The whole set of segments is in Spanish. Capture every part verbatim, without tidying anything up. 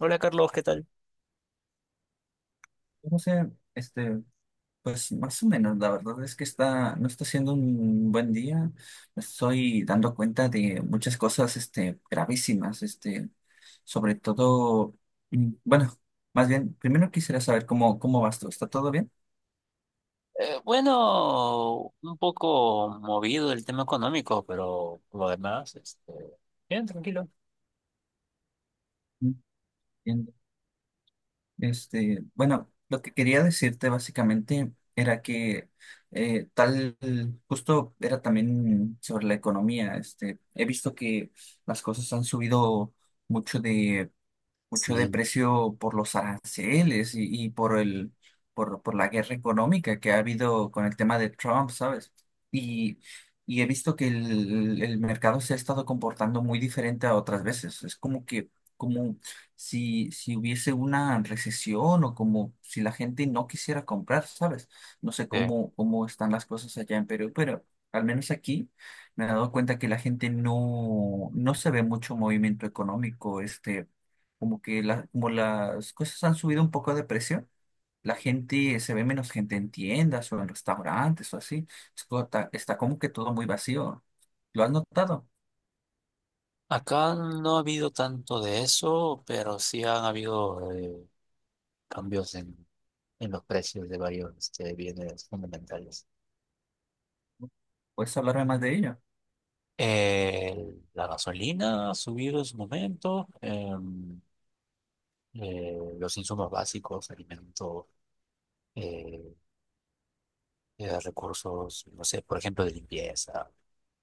Hola Carlos, ¿qué tal? No sé, este, pues más o menos, la verdad es que está, no está siendo un buen día. Me Estoy dando cuenta de muchas cosas, este, gravísimas, este, sobre todo, mm, bueno, más bien, primero quisiera saber cómo, cómo vas tú. ¿Está todo bien? Eh, bueno, un poco movido el tema económico, pero lo demás, este, bien, tranquilo. Entiendo. Este, bueno, lo que quería decirte básicamente era que eh, tal, justo era también sobre la economía. Este, he visto que las cosas han subido mucho de mucho de Sí. precio por los aranceles y, y por el, por, por la guerra económica que ha habido con el tema de Trump, ¿sabes? Y, y he visto que el, el mercado se ha estado comportando muy diferente a otras veces. Es como que, como si, si hubiese una recesión o como si la gente no quisiera comprar, ¿sabes? No sé Eh, cómo, cómo están las cosas allá en Perú, pero al menos aquí. Me he dado cuenta que la gente no, no se ve mucho movimiento económico, este, como que la, como las cosas han subido un poco de precio, la gente, se ve menos gente en tiendas o en restaurantes o así. Es como ta- Está, como que todo muy vacío. ¿Lo has notado? Acá no ha habido tanto de eso, pero sí han habido eh, cambios en, en los precios de varios este, bienes fundamentales. ¿Puedes hablarme más de ello? Eh, la gasolina ha subido en su momento, em, eh, los insumos básicos, alimentos, eh, eh, recursos, no sé, por ejemplo, de limpieza.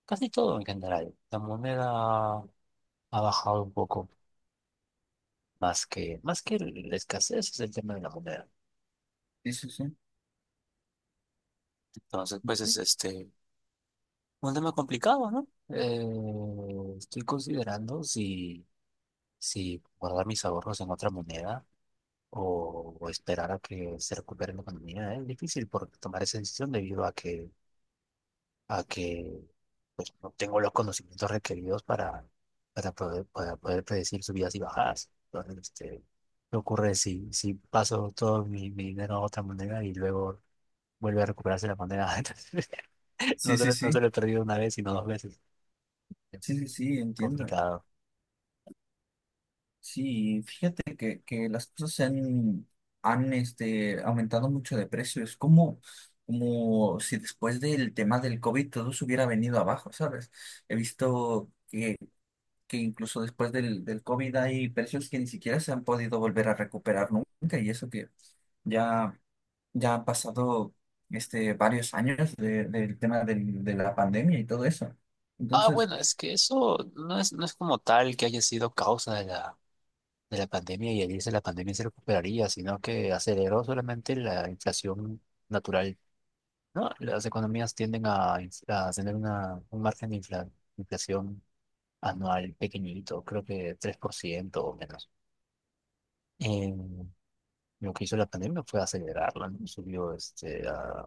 Casi todo en general. La moneda ha bajado un poco más que, más que la escasez es el tema de la moneda. Sí, sí, sí. Entonces, pues es Entiendo. este un tema complicado, ¿no? Eh, estoy considerando si, si guardar mis ahorros en otra moneda o, o esperar a que se recupere la economía. Es difícil por tomar esa decisión debido a que a que pues, no tengo los conocimientos requeridos para, para poder, para poder predecir subidas y bajadas. Entonces, este, ¿qué ocurre si, si paso todo mi, mi dinero a otra moneda y luego vuelve a recuperarse la moneda? Entonces, no Sí, se, sí, lo- no sí. se lo he perdido una vez, sino dos veces. Sí, sí, sí, entiendo. Complicado. Sí, fíjate que, que las cosas se han, han este, aumentado mucho de precio. Es como, como si después del tema del COVID todo se hubiera venido abajo, ¿sabes? He visto que incluso después del, del COVID hay precios que ni siquiera se han podido volver a recuperar nunca, y eso que ya, ya han pasado este, varios años de- del tema del- de la pandemia y todo eso. Ah, Entonces, bueno, es que eso no es, no es como tal que haya sido causa de la, de la pandemia y al irse la pandemia se recuperaría, sino que aceleró solamente la inflación natural. No, las economías tienden a, inf- a tener una, un margen de infla- inflación anual pequeñito, creo que tres por ciento o menos. En- lo que hizo la pandemia fue acelerarla, ¿no? Subió este, a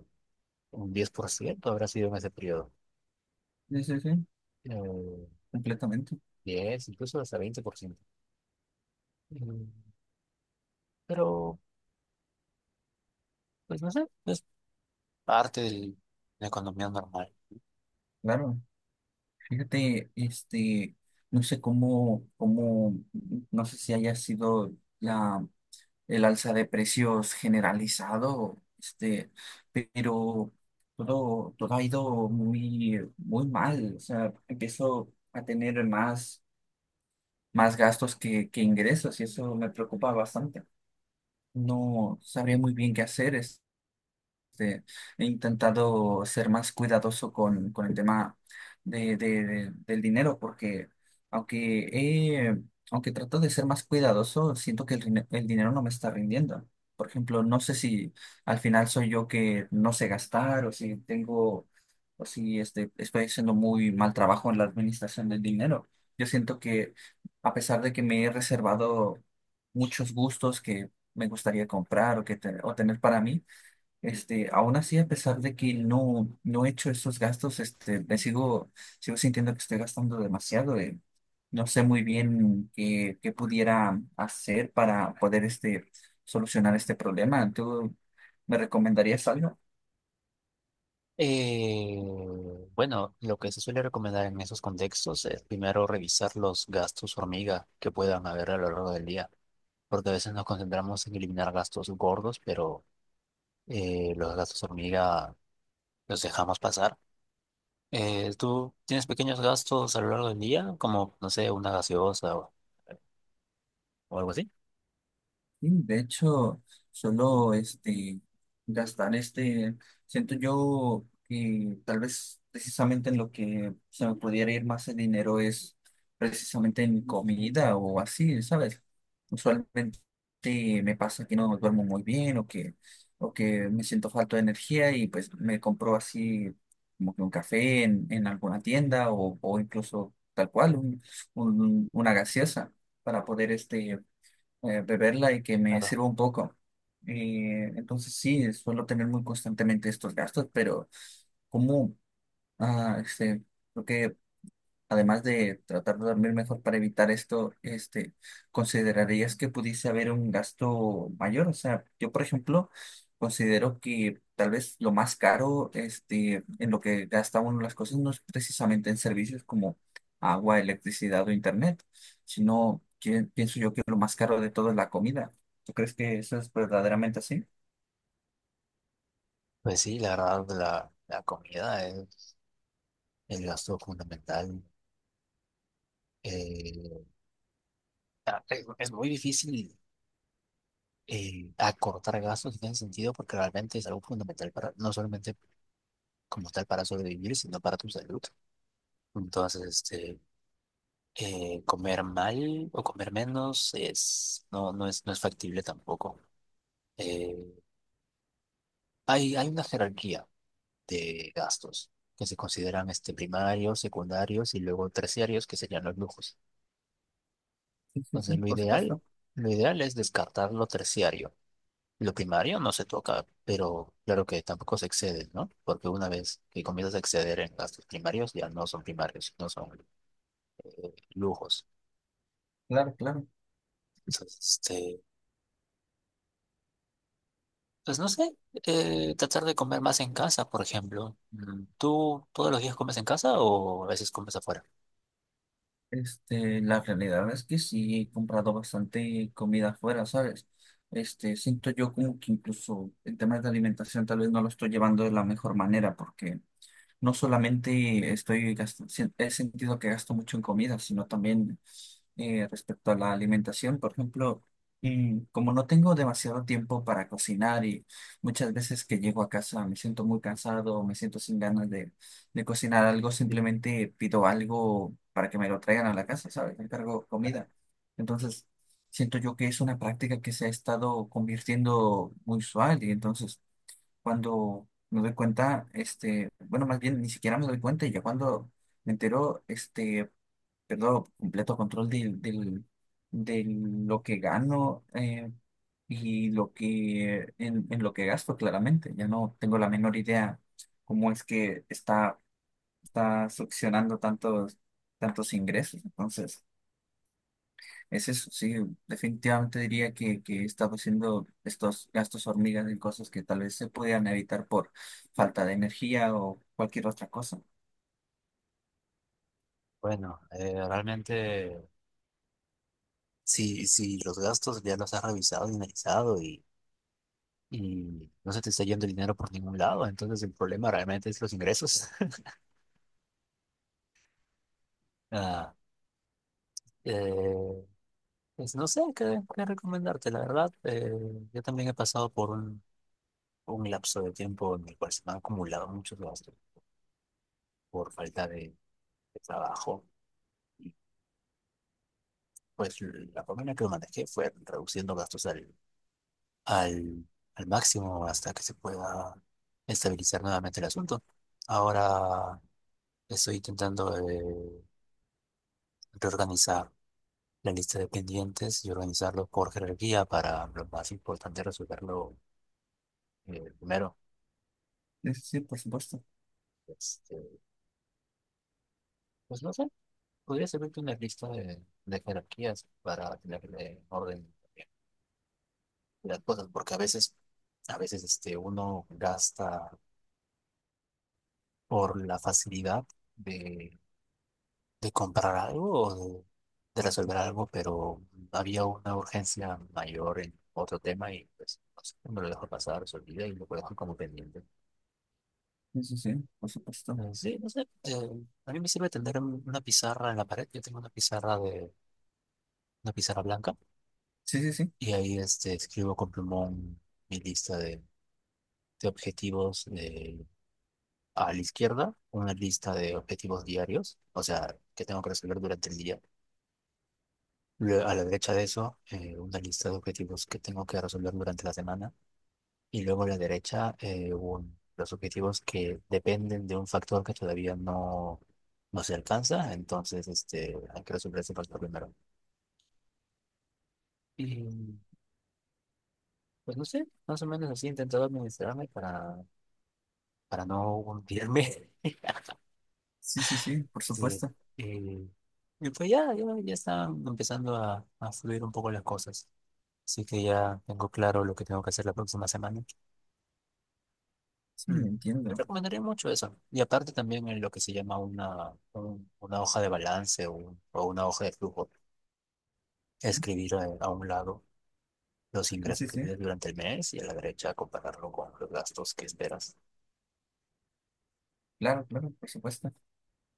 un diez por ciento habrá sido en ese periodo. sí, sí, sí, Eh, completamente, diez, incluso hasta veinte por ciento. Mm, pero, pues no sé, es parte de la economía normal. claro. Fíjate, este, no sé cómo, cómo, no sé si haya sido la el alza de precios generalizado, este, pero todo, todo ha ido muy, muy mal. O sea, empiezo a tener más, más gastos que, que ingresos y eso me preocupa bastante. No sabría muy bien qué hacer este, he intentado ser más cuidadoso con, con el tema de, de- de- del dinero, porque aunque, he- aunque trato de ser más cuidadoso, siento que el, rine- el dinero no me está rindiendo. Por ejemplo, no sé si al final soy yo que no sé gastar o si tengo, o si este, estoy haciendo muy mal trabajo en la administración del dinero. Yo siento que a pesar de que me he reservado muchos gustos que me gustaría comprar o, que te- o tener para mí, este, aún así, a pesar de que no, no he hecho esos gastos, este, me sigo, sigo sintiendo que estoy gastando demasiado. eh. No sé muy bien qué, qué pudiera hacer para poder este, solucionar este problema. ¿Tú me recomendarías algo? Eh, bueno, lo que se suele recomendar en esos contextos es primero revisar los gastos hormiga que puedan haber a lo largo del día, porque a veces nos concentramos en eliminar gastos gordos, pero eh, los gastos hormiga los dejamos pasar. Eh, ¿tú tienes pequeños gastos a lo largo del día, como, no sé, una gaseosa o, o algo así? Sí, de hecho, solo este gastar este, siento yo que tal vez precisamente en lo que se me pudiera ir más el dinero es precisamente en comida o así, ¿sabes? Usualmente me pasa que no duermo muy bien o que, o que me siento falta de energía y pues me compro así como que un café en, en alguna tienda o, o incluso tal cual un- un- una gaseosa para poder este eh, beberla y que me Claro. sirva un poco. Eh, entonces sí, eh, suelo tener muy constantemente estos gastos, pero como ah, este, creo que además de tratar de dormir mejor para evitar esto, este, ¿considerarías que pudiese haber un gasto mayor? O sea, yo, por ejemplo, considero que tal vez lo más caro, este, en lo que gasta uno las cosas no es precisamente en servicios como agua, electricidad o internet, sino que pienso yo que lo más caro de todo es la comida. ¿Tú crees que eso es verdaderamente así? Pues sí, la verdad, la, la comida es el gasto fundamental. Eh, ah, es es muy difícil eh, acortar gastos en ese sentido, porque realmente es algo fundamental para, no solamente como tal para sobrevivir, sino para tu salud. Entonces, este, eh, comer mal o comer menos es, no, no es, no es factible tampoco. Eh, hay, hay una jerarquía de gastos que se consideran este, primarios, secundarios y luego terciarios, que serían los lujos. Sí, sí, sí, Entonces, lo por ideal, supuesto. lo ideal es descartar lo terciario. Lo primario no se toca, pero claro que tampoco se excede, ¿no? Porque una vez que comienzas a exceder en gastos primarios, ya no son primarios, no son eh, lujos. Claro, claro. Entonces, este, pues no sé, eh, tratar de comer más en casa, por ejemplo. Mm, ¿tú todos los días comes en casa o a veces comes afuera? Este, la realidad es que sí he comprado bastante comida afuera, ¿sabes? Este, siento yo como que incluso en temas de alimentación tal vez no lo estoy llevando de la mejor manera porque no solamente estoy gast- si- he sentido que gasto mucho en comida, sino también eh, respecto a la alimentación. Por ejemplo, mm, como no tengo demasiado tiempo para cocinar y muchas veces que llego a casa me siento muy cansado, me siento sin ganas de, de cocinar algo, Sí. simplemente pido algo para que me lo traigan a la casa, ¿sabes? Encargo comida. Entonces, siento yo que es una práctica que se ha estado convirtiendo muy usual y entonces cuando me doy cuenta, este, bueno, más bien ni siquiera me doy cuenta y ya cuando me entero, este, pierdo completo control del, del, de lo que gano eh, y lo que, en, en lo que gasto, claramente. Ya no tengo la menor idea cómo es que está, está succionando tantos, tantos ingresos. Entonces... Es eso, sí, definitivamente diría que, que estaba haciendo estos gastos hormigas en cosas que tal vez se podían evitar por falta de energía o cualquier otra cosa. Bueno, eh, realmente, si, si los gastos ya los has revisado y analizado y, y no se te está yendo el dinero por ningún lado, entonces el problema realmente es los ingresos. Ah, eh, pues no sé qué, qué recomendarte, la verdad. Eh, yo también he pasado por un, un lapso de tiempo en el cual se me han acumulado muchos gastos por falta de, de trabajo. Y pues la forma en que lo manejé fue reduciendo gastos al, al, al máximo hasta que se pueda estabilizar nuevamente el asunto. Ahora estoy intentando eh, reorganizar la lista de pendientes y organizarlo por jerarquía para lo más importante resolverlo eh, primero. Sí, sí, sí, por supuesto. Este, pues no sé. Podría servirte una lista de, de jerarquías para tenerle orden también de las cosas, porque a veces, a veces este, uno gasta por la facilidad de, de comprar algo o de, de resolver algo, pero había una urgencia mayor en otro tema y pues no sé, me lo dejo pasar, se olvida y lo dejo como pendiente. Eso sí, sí, por supuesto. Eh, Sí, no sé, eh, a mí me sirve tener un- una pizarra en la pared, yo tengo una pizarra de, una pizarra blanca Sí, sí, sí. y ahí este, escribo con plumón mi lista de de objetivos de- a la izquierda, una lista de objetivos diarios, o sea, que tengo que resolver durante el día. Lue- A la derecha de eso, eh, una lista de objetivos que tengo que resolver durante la semana. Y luego a la derecha, eh, un- los objetivos que dependen de un factor que todavía no, no se alcanza. Entonces, este, hay que resolver ese factor primero. Y pues no sé, más o menos así he intentado administrarme para, para no hundirme. Sí, sí, sí, por Sí. supuesto. eh, y pues ya, ya, ya están empezando a, a fluir un poco las cosas. Así que ya tengo claro lo que tengo que hacer la próxima semana. Sí, Mm, te entiendo. recomendaría mucho eso. Y aparte también en lo que se llama una, un- una hoja de balance o, un- o una hoja de flujo. Escribir a, a un lado los Sí, ingresos sí, que sí. tienes durante el mes y a la derecha compararlo con los gastos que esperas. Claro, claro, por supuesto.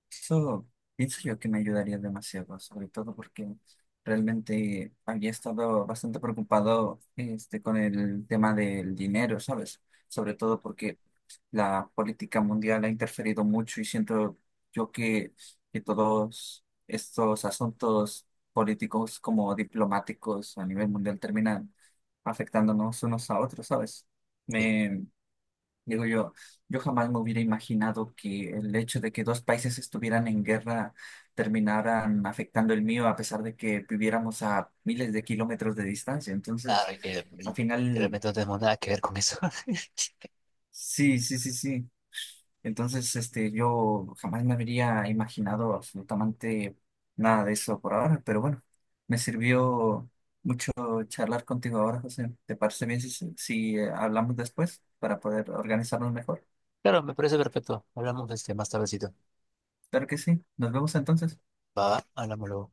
Eso pienso yo que me ayudaría demasiado, sobre todo porque realmente había estado bastante preocupado este, con el tema del dinero, ¿sabes? Sobre todo porque la política mundial ha interferido mucho y siento yo que, que todos estos asuntos políticos como diplomáticos a nivel mundial terminan afectándonos unos a otros, ¿sabes? Sí. Me digo yo, yo jamás me hubiera imaginado que el hecho de que dos países estuvieran en guerra terminaran afectando el mío a pesar de que viviéramos a miles de kilómetros de distancia. Claro, Entonces, y que al y final, realmente no tenemos nada que ver con eso. sí, sí, sí, sí. Entonces, este, yo jamás me habría imaginado absolutamente nada de eso por ahora, pero bueno, me sirvió charlar contigo ahora, José. ¿Te parece bien si, si eh, hablamos después para poder organizarnos mejor? Claro, me parece perfecto. Hablamos de este más tardecito. Claro que sí. Nos vemos entonces. Va, hablámoslo.